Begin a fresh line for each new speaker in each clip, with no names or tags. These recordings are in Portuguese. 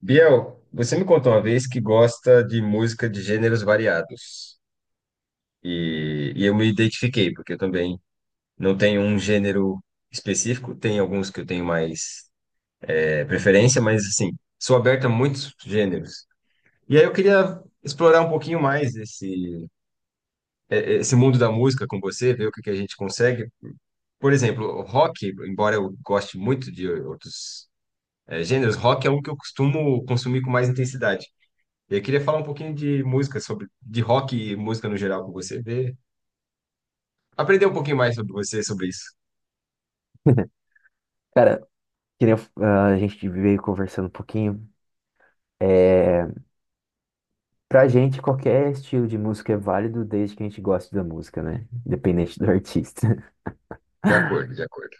Biel, você me contou uma vez que gosta de música de gêneros variados. E eu me identifiquei, porque eu também não tenho um gênero específico, tem alguns que eu tenho mais preferência, mas assim, sou aberto a muitos gêneros. E aí eu queria explorar um pouquinho mais esse mundo da música com você, ver o que que a gente consegue. Por exemplo, o rock, embora eu goste muito de outros gêneros, rock é um que eu costumo consumir com mais intensidade. Eu queria falar um pouquinho de de rock e música no geral com você, ver, aprender um pouquinho mais sobre você, sobre isso.
Cara, que nem eu- a gente veio conversando um pouquinho. É, Pra gente, qualquer estilo de música é válido desde que a gente goste da música, né? Independente do artista.
De acordo, de acordo.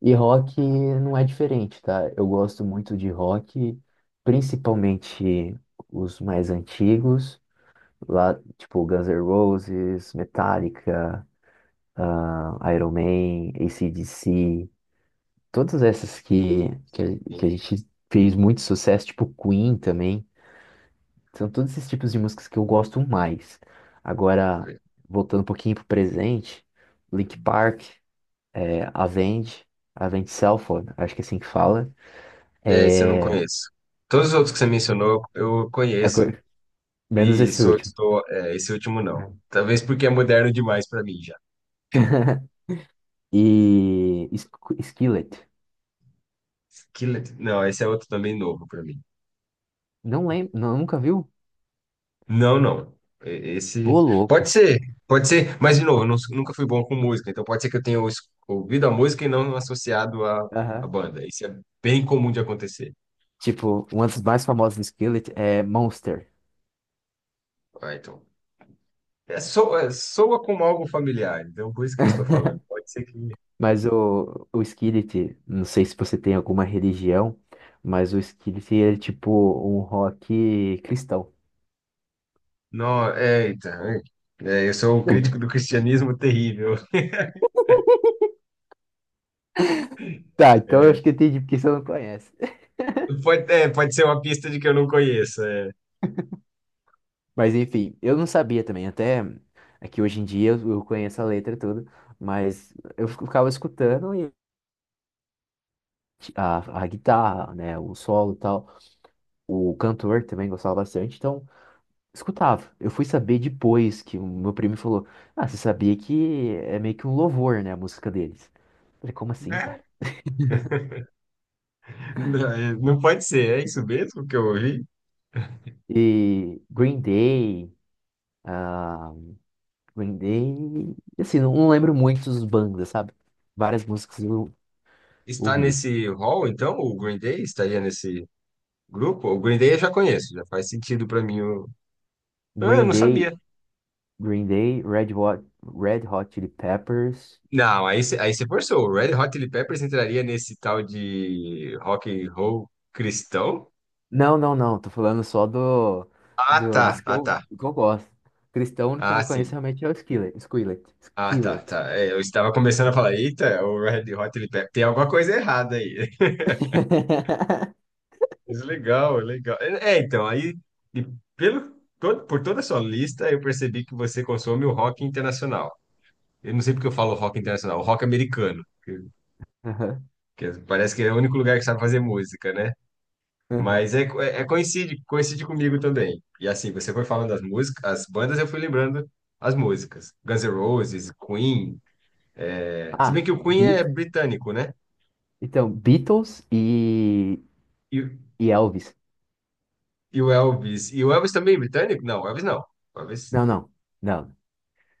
E rock não é diferente, tá? Eu gosto muito de rock, principalmente os mais antigos, lá, tipo Guns N' Roses, Metallica, Iron Man, AC/DC, todas essas que a
Sim.
gente fez muito sucesso, tipo Queen também. São todos esses tipos de músicas que eu gosto mais. Agora, voltando um pouquinho pro presente, Linkin Park, é, Avenged, Avenged Sevenfold, acho que é assim que fala.
É, esse eu não
É,
conheço. Todos os outros que você mencionou, eu conheço,
agora- Menos
e
esse último.
esse último não.
É.
Talvez porque é moderno demais para mim já.
E Skillet.
Skillet, não, esse é outro também novo para mim.
Não lembro, não, nunca viu?
Não, não. Esse
Ô, louco.
pode ser, pode ser, mas de novo, eu não- nunca fui bom com música, então pode ser que eu tenha ouvido a música e não associado à
Aham.
banda. Isso é bem comum de acontecer.
Tipo, uma das mais famosas do Skillet é Monster.
Ah, então. É, soa como algo familiar, então por isso que eu estou falando. Pode ser que.
Mas o Skillet, não sei se você tem alguma religião, mas o Skillet é tipo um rock cristão.
Não, é, eita. Eu sou um crítico do cristianismo terrível.
Tá, então eu
É,
acho que eu entendi porque você não conhece.
pode ser uma pista de que eu não conheço. É.
Mas enfim, eu não sabia também, até aqui hoje em dia eu conheço a letra toda, mas eu ficava escutando e a guitarra, né, o solo e tal. O cantor também gostava bastante, então escutava. Eu fui saber depois que o meu primo falou: ah, você sabia que é meio que um louvor, né, a música deles? Eu falei, como assim,
Né?
cara?
Não pode ser, é isso mesmo que eu ouvi?
E Green Day, ah, Green Day, assim, não lembro muito dos bandas, sabe? Várias músicas eu
Está
ouvia.
nesse hall, então? O Green Day estaria nesse grupo? O Green Day eu já conheço, já faz sentido para mim. Ah, eu
Green
não
Day,
sabia.
Green Day, Red Hot, Red Hot Chili Peppers.
Não, aí, cê- aí você forçou. O Red Hot Chili Peppers entraria nesse tal de rock and roll cristão?
Não, não, não, tô falando só
Ah, tá.
dos
Ah, tá.
que eu gosto. Cristão, o único que
Ah,
eu conheço
sim.
realmente é o Skillet,
Ah, tá,
Skillet.
tá. É, eu estava começando a falar, eita, o Red Hot Chili Peppers, tem alguma coisa errada aí. Mas legal, legal. É, é, então, aí, e pelo, todo, por toda a sua lista, eu percebi que você consome o rock internacional. Eu não sei porque eu falo rock internacional, o rock americano,
Aham,
parece que é o único lugar que sabe fazer música, né?
aham.
Coincide, coincide comigo também. E assim, você foi falando das músicas, as bandas, eu fui lembrando as músicas. Guns N' Roses, Queen. É, se
Ah,
bem que o Queen é
Beat...
britânico, né?
Então, Beatles
E, o-
e Elvis.
e o Elvis. E o Elvis também é britânico? Não, o Elvis não. O Elvis.
Não, não, não.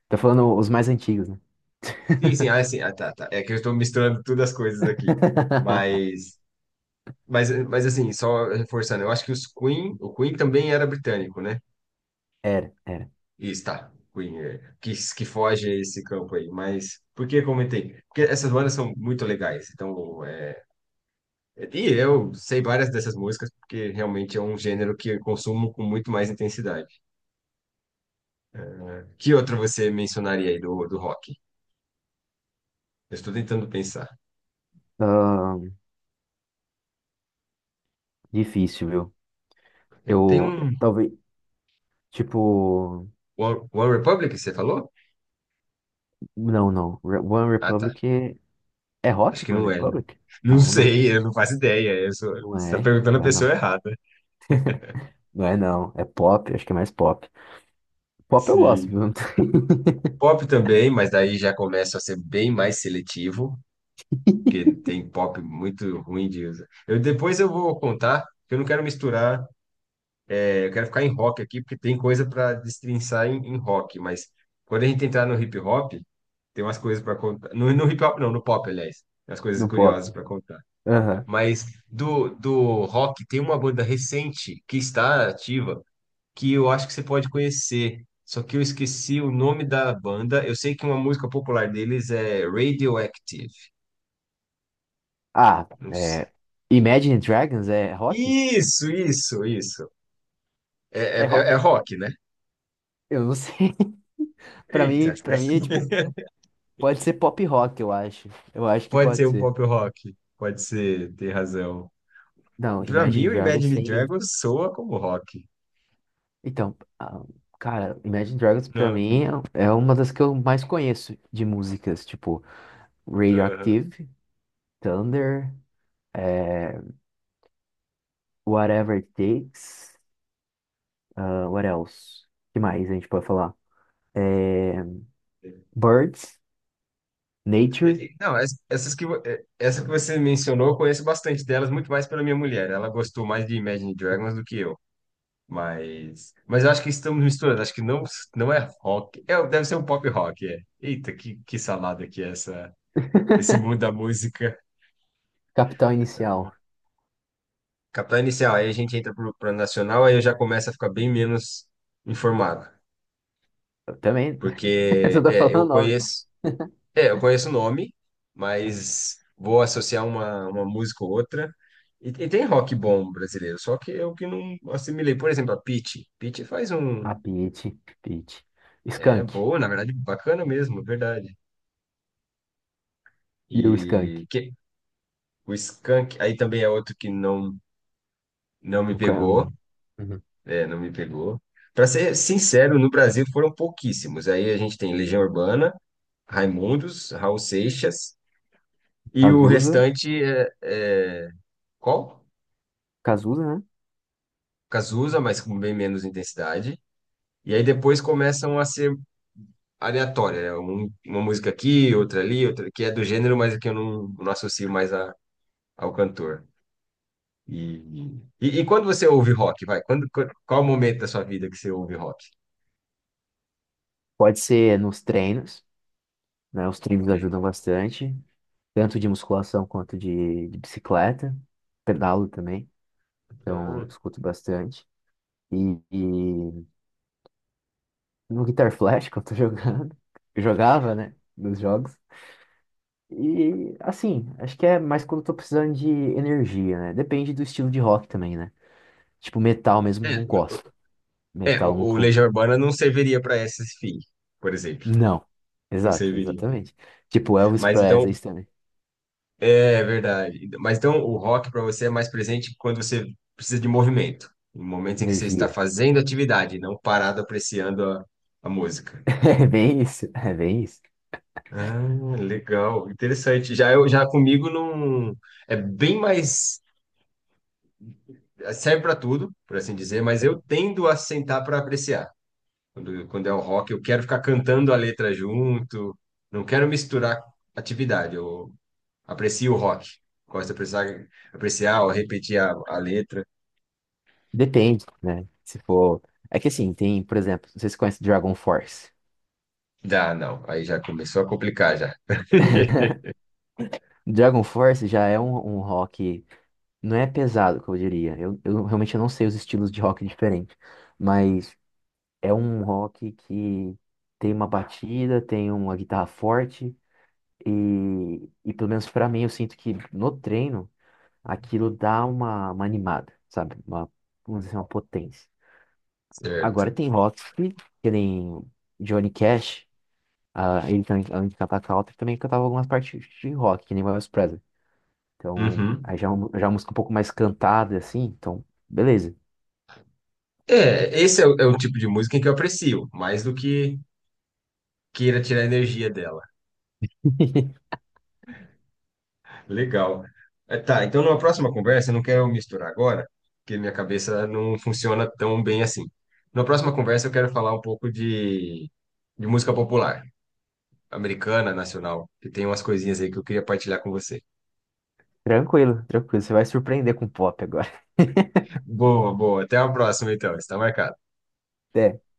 Tô falando os mais antigos, né?
Sim, sim, ah, sim. Ah, tá, tá. É que eu estou misturando todas as coisas aqui. Mas, mas assim, só reforçando, eu acho que o Queen também era britânico, né?
Era, era.
Isso, tá. Que foge a esse campo aí. Mas por que eu comentei? Porque essas bandas são muito legais. Então, é, e eu sei várias dessas músicas, porque realmente é um gênero que eu consumo com muito mais intensidade. Que outra você mencionaria aí do rock? Eu estou tentando pensar.
Ahn, Difícil, viu?
É, Tem
Eu,
um
talvez, tipo,
One Republic, você falou?
não, não. One
Ah, tá.
Republic é, é rock,
Acho que
One
não é, né?
Republic?
Não
Não, né?
sei, eu não faço ideia. Você está perguntando a
Não é
pessoa
não.
errada.
Não é não, é pop, acho que é mais pop. Pop eu gosto,
Sim.
viu?
Pop também, mas daí já começa a ser bem mais seletivo, porque tem pop muito ruim de usar. Depois eu vou contar, porque eu não quero misturar, eu quero ficar em rock aqui, porque tem coisa para destrinçar em rock, mas quando a gente entrar no hip hop. Tem umas coisas para contar. No hip hop, não, no pop, aliás. Tem umas coisas
No pop.
curiosas para contar.
Aham.
Mas do rock, tem uma banda recente que está ativa que eu acho que você pode conhecer. Só que eu esqueci o nome da banda. Eu sei que uma música popular deles é Radioactive.
Ah,
Não s-
é, Imagine Dragons é rock?
Isso, isso, isso. É, é,
É
é é
rock?
rock, né?
Eu não sei.
Eita.
Para mim é tipo, pode ser pop rock, eu acho. Eu acho que
Pode ser
pode
um
ser.
pop rock. Pode ser, tem razão.
Não,
Pra mim,
Imagine
o
Dragons
Imagine
tem.
Dragons soa como rock.
Então, cara, Imagine Dragons pra
Não,
mim
não-
é uma das que eu mais conheço de músicas, tipo
aham.
Radioactive, Thunder, é, Whatever It Takes, ah, what else? Que mais a gente pode falar? É, Birds, Nature,
Não, essa que você mencionou, eu conheço bastante delas, muito mais pela minha mulher. Ela gostou mais de Imagine Dragons do que eu. Mas eu acho que estamos misturando. Acho que não, não é rock. É, deve ser um pop rock, é. Eita, que salada que é essa, esse mundo da música.
Capital Inicial.
Capital inicial, aí a gente entra pro plano nacional, aí eu já começo a ficar bem menos informado.
Eu também. Você
Porque
tá
é, eu
falando nome.
conheço. É, eu conheço o nome, mas vou associar uma música ou outra. Tem rock bom brasileiro, só que eu que não assimilei. Por exemplo, a Pitty. Pitty faz um.
A Pitty, Pitty.
É
Skank.
boa, na verdade, bacana mesmo, é verdade.
E o Skank.
E que, o Skank, aí também é outro que não, não me
No ca-
pegou.
no- Uhum.
É, não me pegou. Pra ser sincero, no Brasil foram pouquíssimos. Aí a gente tem Legião Urbana, Raimundos, Raul Seixas, e o
Cazuza.
restante é... Qual?
Cazuza, né?
Cazuza, mas com bem menos intensidade. E aí depois começam a ser aleatórias, né? Uma música aqui, outra ali, outra que é do gênero, mas que eu não associo mais ao cantor. E, e quando você ouve rock, vai? Qual o momento da sua vida que você ouve rock?
Pode ser nos treinos, né? Os treinos
Hum.
ajudam bastante, tanto de musculação quanto de bicicleta. Pedalo também, então eu
Ah.
escuto bastante. E no Guitar Flash, que eu tô jogando, eu jogava, né? Nos jogos. E assim, acho que é mais quando eu tô precisando de energia, né? Depende do estilo de rock também, né? Tipo, metal mesmo
É,
não
o,
gosto.
o-
Metal não
o
nunca.
Legião Urbana não serviria para esse fim, por exemplo.
Não.
Não
Exato,
serviria.
exatamente. Tipo, Elvis
Mas então,
Presley isso também.
é verdade. Mas então o rock para você é mais presente quando você precisa de movimento, em momentos em que você está
Energia.
fazendo atividade, não parado apreciando a música.
É bem isso, é bem isso.
Ah, legal, interessante. Já eu já comigo não é bem mais serve para tudo, por assim dizer, mas eu tendo a sentar para apreciar. Quando é o rock, eu quero ficar cantando a letra junto, não quero misturar atividade. Eu aprecio o rock. Gosto de apreciar, apreciar ou repetir a letra.
Depende, né? Se for. É que assim, tem, por exemplo, vocês conhecem Dragon Force.
Dá, não. Aí já começou a complicar já.
Dragon Force já é um rock. Não é pesado, que eu diria. Eu realmente não sei os estilos de rock diferentes. Mas. É um rock que tem uma batida, tem uma guitarra forte e pelo menos pra mim eu sinto que no treino aquilo dá uma animada, sabe? Uma, vamos dizer, uma potência. Agora
Certo.
tem rock que nem Johnny Cash, ah, ele também, além de cantar country, também cantava algumas partes de rock, que nem Elvis Presley. Então,
Uhum.
aí já, é um- já é uma música um pouco mais cantada, assim, então, beleza.
É, esse é é o tipo de música em que eu aprecio, mais do que queira tirar a energia dela. Legal. É, tá, então numa próxima conversa, eu não quero misturar agora, porque minha cabeça não funciona tão bem assim. Na próxima conversa, eu quero falar um pouco de música popular, americana, nacional, que tem umas coisinhas aí que eu queria partilhar com você.
Tranquilo, tranquilo, você vai surpreender com pop agora.
Boa, boa. Até a próxima, então. Está marcado.
É.